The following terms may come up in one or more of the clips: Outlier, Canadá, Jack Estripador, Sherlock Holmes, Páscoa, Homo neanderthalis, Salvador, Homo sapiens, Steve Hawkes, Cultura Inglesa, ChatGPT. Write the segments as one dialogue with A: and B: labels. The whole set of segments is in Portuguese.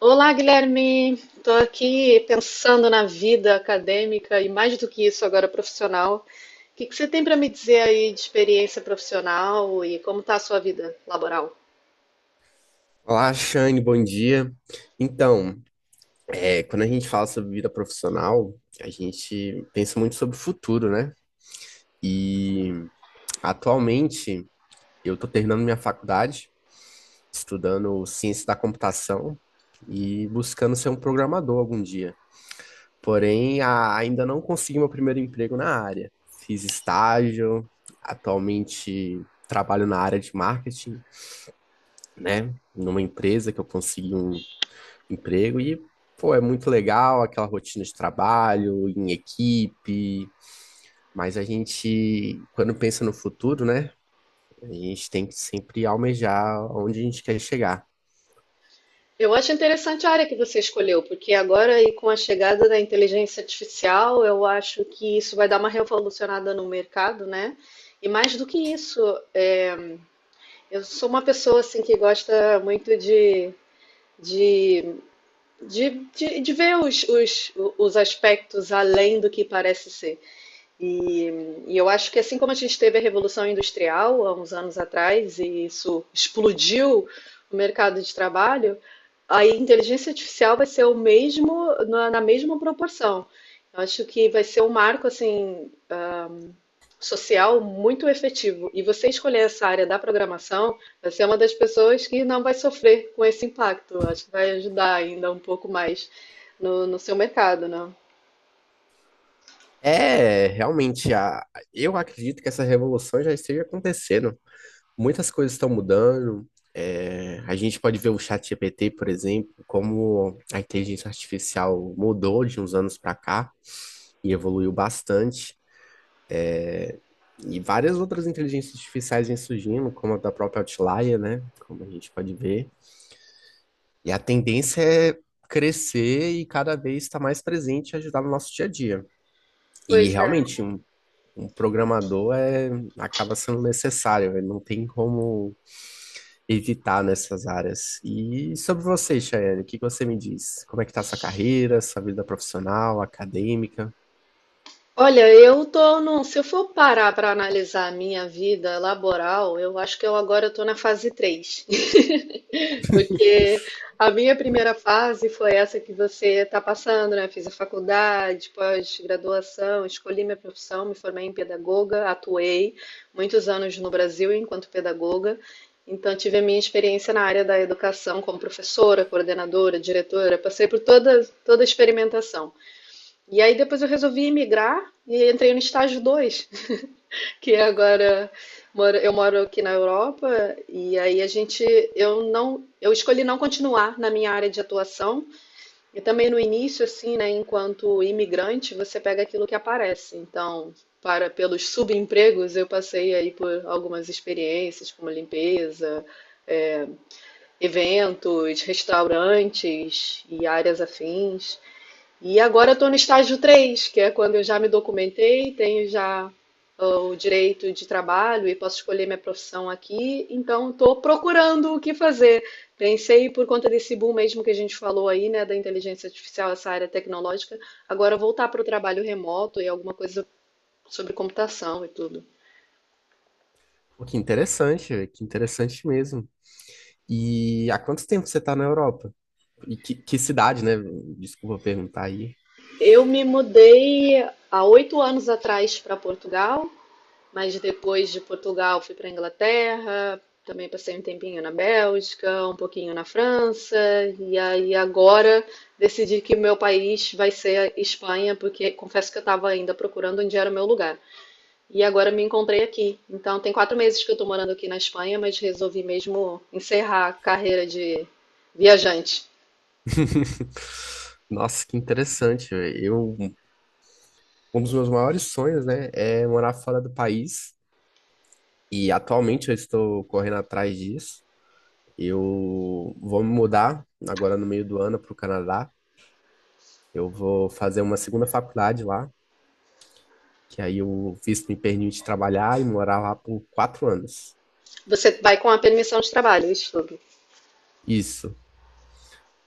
A: Olá, Guilherme. Estou aqui pensando na vida acadêmica e mais do que isso agora profissional. O que que você tem para me dizer aí de experiência profissional e como está a sua vida laboral?
B: Olá, Shane, bom dia. Então, quando a gente fala sobre vida profissional, a gente pensa muito sobre o futuro, né? E atualmente eu estou terminando minha faculdade, estudando ciência da computação e buscando ser um programador algum dia. Porém, ainda não consegui meu primeiro emprego na área. Fiz estágio, atualmente trabalho na área de marketing, né? Numa empresa que eu consegui um emprego e, pô, é muito legal aquela rotina de trabalho, em equipe, mas a gente, quando pensa no futuro, né, a gente tem que sempre almejar onde a gente quer chegar.
A: Eu acho interessante a área que você escolheu, porque agora e com a chegada da inteligência artificial, eu acho que isso vai dar uma revolucionada no mercado, né? E mais do que isso, é, eu sou uma pessoa assim que gosta muito de de ver os aspectos além do que parece ser. E, e eu acho que assim como a gente teve a Revolução Industrial há uns anos atrás, e isso explodiu o mercado de trabalho, a inteligência artificial vai ser o mesmo, na mesma proporção. Eu acho que vai ser um marco assim, social muito efetivo. E você escolher essa área da programação, você é uma das pessoas que não vai sofrer com esse impacto. Acho que vai ajudar ainda um pouco mais no seu mercado, né?
B: Realmente, eu acredito que essa revolução já esteja acontecendo. Muitas coisas estão mudando. A gente pode ver o ChatGPT, por exemplo, como a inteligência artificial mudou de uns anos para cá e evoluiu bastante. É, e várias outras inteligências artificiais vêm surgindo, como a da própria Outlier, né? Como a gente pode ver. E a tendência é crescer e cada vez estar mais presente e ajudar no nosso dia a dia. E
A: Pois é.
B: realmente, um programador acaba sendo necessário, ele não tem como evitar nessas áreas. E sobre você, Chayane, o que que você me diz? Como é que tá a sua carreira, sua vida profissional, acadêmica?
A: Olha, eu tô se eu for parar para analisar a minha vida laboral, eu acho que eu agora estou na fase 3. Porque a minha primeira fase foi essa que você está passando, né? Fiz a faculdade, pós-graduação, escolhi minha profissão, me formei em pedagoga, atuei muitos anos no Brasil enquanto pedagoga. Então, tive a minha experiência na área da educação como professora, coordenadora, diretora, passei por toda, toda a experimentação. E aí, depois, eu resolvi migrar e entrei no estágio 2 que agora eu moro aqui na Europa. E aí a gente eu não eu escolhi não continuar na minha área de atuação, e também no início assim, né, enquanto imigrante, você pega aquilo que aparece. Então, para pelos subempregos, eu passei aí por algumas experiências como limpeza, é, eventos, restaurantes e áreas afins. E agora eu estou no estágio 3, que é quando eu já me documentei, tenho já o direito de trabalho e posso escolher minha profissão aqui, então estou procurando o que fazer. Pensei por conta desse boom mesmo que a gente falou aí, né, da inteligência artificial, essa área tecnológica, agora voltar para o trabalho remoto e alguma coisa sobre computação e tudo.
B: Pô, que interessante mesmo. E há quanto tempo você está na Europa? E que cidade, né? Desculpa perguntar aí.
A: Eu me mudei há 8 anos atrás para Portugal. Mas depois de Portugal fui para a Inglaterra, também passei um tempinho na Bélgica, um pouquinho na França, e aí agora decidi que o meu país vai ser a Espanha, porque confesso que eu estava ainda procurando onde era o meu lugar. E agora me encontrei aqui. Então tem 4 meses que eu estou morando aqui na Espanha, mas resolvi mesmo encerrar a carreira de viajante.
B: Nossa, que interessante, velho. Um dos meus maiores sonhos, né, é morar fora do país. E atualmente eu estou correndo atrás disso. Eu vou me mudar agora no meio do ano para o Canadá. Eu vou fazer uma segunda faculdade lá, que aí o visto me permite trabalhar e morar lá por 4 anos.
A: Você vai com a permissão de trabalho, isso.
B: Isso.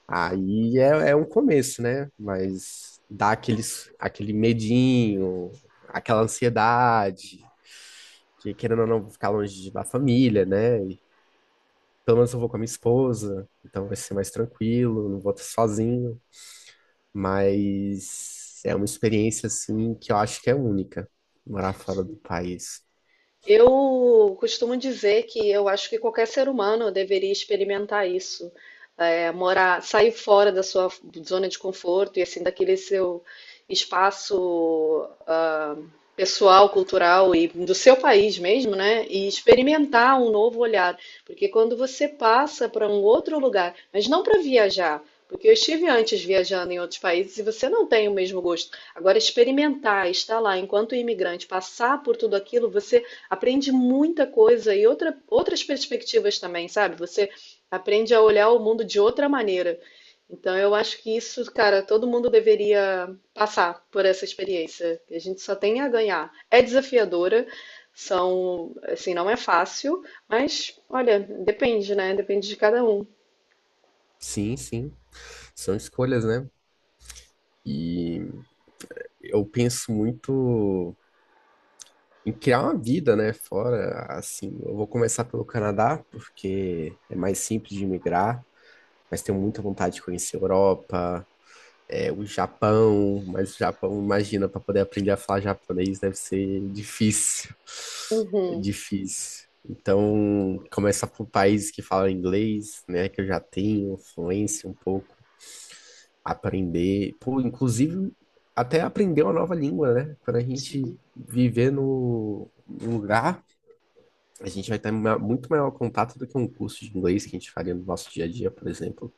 B: Aí é um começo, né? Mas dá aquele medinho, aquela ansiedade, que querendo ou não, vou ficar longe da família, né? E pelo menos eu vou com a minha esposa, então vai ser mais tranquilo, não vou estar sozinho. Mas é uma experiência, assim, que eu acho que é única, morar fora do país.
A: Eu costumo dizer que eu acho que qualquer ser humano deveria experimentar isso, morar, sair fora da sua zona de conforto e assim daquele seu espaço, pessoal, cultural e do seu país mesmo, né? E experimentar um novo olhar, porque quando você passa para um outro lugar, mas não para viajar, porque eu estive antes viajando em outros países e você não tem o mesmo gosto. Agora, experimentar, estar lá enquanto imigrante, passar por tudo aquilo, você aprende muita coisa e outras perspectivas também, sabe? Você aprende a olhar o mundo de outra maneira. Então, eu acho que isso, cara, todo mundo deveria passar por essa experiência. A gente só tem a ganhar. É desafiadora, são, assim, não é fácil, mas olha, depende, né? Depende de cada um.
B: Sim, sim, são escolhas, né? E eu penso muito em criar uma vida, né, fora, assim. Eu vou começar pelo Canadá, porque é mais simples de migrar, mas tenho muita vontade de conhecer a Europa, o Japão. Mas o Japão, imagina, para poder aprender a falar japonês deve ser difícil, é
A: Uhum.
B: difícil. Então, começar por países que falam inglês, né, que eu já tenho fluência um pouco, aprender, pô, inclusive até aprender uma nova língua, né, quando a gente viver no lugar a gente vai ter muito maior contato do que um curso de inglês que a gente faria no nosso dia a dia, por exemplo.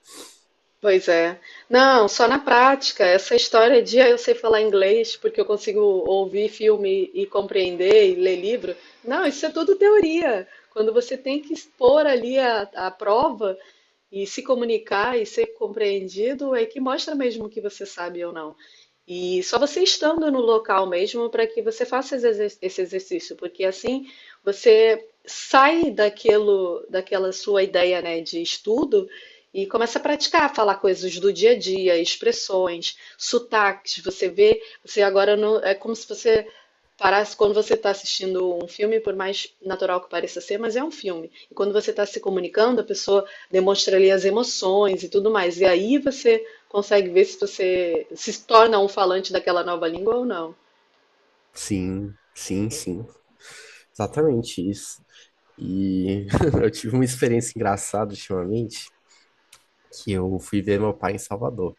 A: Pois é. Não, só na prática. Essa história de eu sei falar inglês porque eu consigo ouvir filme e compreender e ler livro. Não, isso é tudo teoria. Quando você tem que expor ali a prova e se comunicar e ser compreendido, é que mostra mesmo que você sabe ou não. E só você estando no local mesmo para que você faça esse exercício, porque assim você sai daquilo, daquela sua ideia, né, de estudo e começa a praticar, falar coisas do dia a dia, expressões, sotaques. Você vê, você agora não, é como se você parece quando você está assistindo um filme, por mais natural que pareça ser, mas é um filme. E quando você está se comunicando, a pessoa demonstra ali as emoções e tudo mais. E aí você consegue ver se você se torna um falante daquela nova língua ou não.
B: Sim, sim, sim. Exatamente isso. E eu tive uma experiência engraçada ultimamente, que eu fui ver meu pai em Salvador.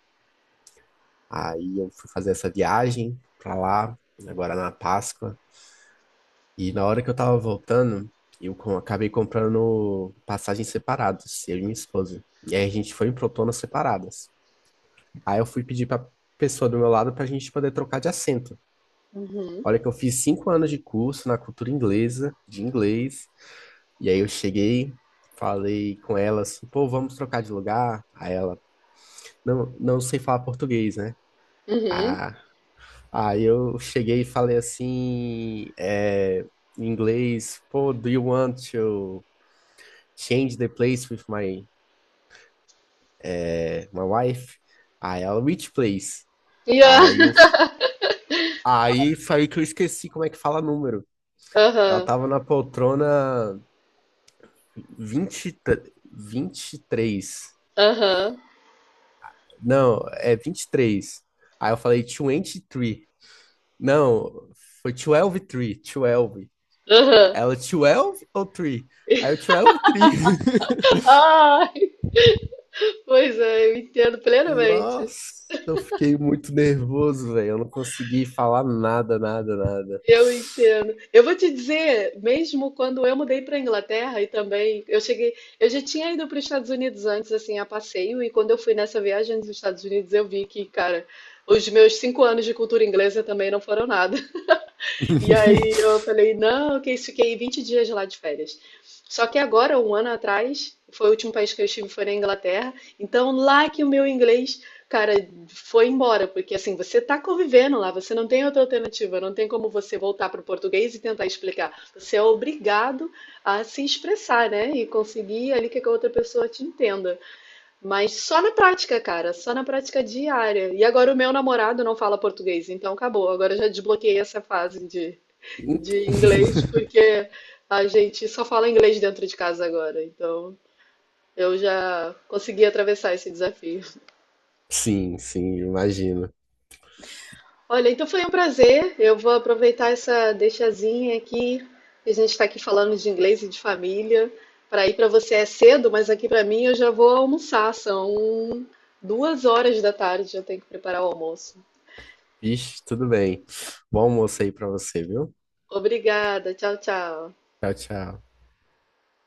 B: Aí eu fui fazer essa viagem pra lá, agora na Páscoa. E na hora que eu tava voltando, eu acabei comprando passagens separadas, eu e minha esposa. E aí a gente foi em protonas separadas. Aí eu fui pedir pra pessoa do meu lado pra gente poder trocar de assento.
A: Uhum.
B: Olha que eu fiz 5 anos de curso na cultura inglesa, de inglês. E aí eu cheguei, falei com ela assim, pô, vamos trocar de lugar? Aí ela, não, não sei falar português, né?
A: Uhum.
B: Ah, aí eu cheguei e falei assim, em inglês, pô, do you want to change the place with my, my wife? Aí ela, which place?
A: Yeah.
B: Aí eu, aí foi aí que eu esqueci como é que fala número. Ela
A: Aham.
B: tava na poltrona vinte e três.
A: Aham.
B: Não, é 23. Aí eu falei 23. Não, foi 12, 3, 12.
A: Aham.
B: Ela, 12 ou 3? Aí eu, 12, 3.
A: Ai, pois é, eu entendo plenamente.
B: Nossa, eu fiquei muito nervoso, velho. Eu não consegui falar nada, nada, nada.
A: Eu entendo. Eu vou te dizer, mesmo quando eu mudei para a Inglaterra e também eu cheguei, eu já tinha ido para os Estados Unidos antes, assim, a passeio, e quando eu fui nessa viagem nos Estados Unidos, eu vi que, cara, os meus 5 anos de cultura inglesa também não foram nada. E aí eu falei, não, que isso, fiquei 20 dias lá de férias. Só que agora, um ano atrás, foi o último país que eu estive, foi na Inglaterra. Então, lá que o meu inglês, cara, foi embora, porque assim, você tá convivendo lá, você não tem outra alternativa, não tem como você voltar para o português e tentar explicar. Você é obrigado a se expressar, né? E conseguir ali que a outra pessoa te entenda. Mas só na prática, cara, só na prática diária. E agora o meu namorado não fala português, então acabou. Agora eu já desbloqueei essa fase de inglês, porque a gente só fala inglês dentro de casa agora, então eu já consegui atravessar esse desafio.
B: Sim, sim, imagino.
A: Olha, então foi um prazer. Eu vou aproveitar essa deixazinha aqui, que a gente está aqui falando de inglês e de família. Para ir para você é cedo, mas aqui para mim eu já vou almoçar. São 2 horas da tarde, eu tenho que preparar o almoço.
B: Vixe, tudo bem. Bom almoço aí pra você, viu?
A: Obrigada, tchau, tchau.
B: Tchau, tchau.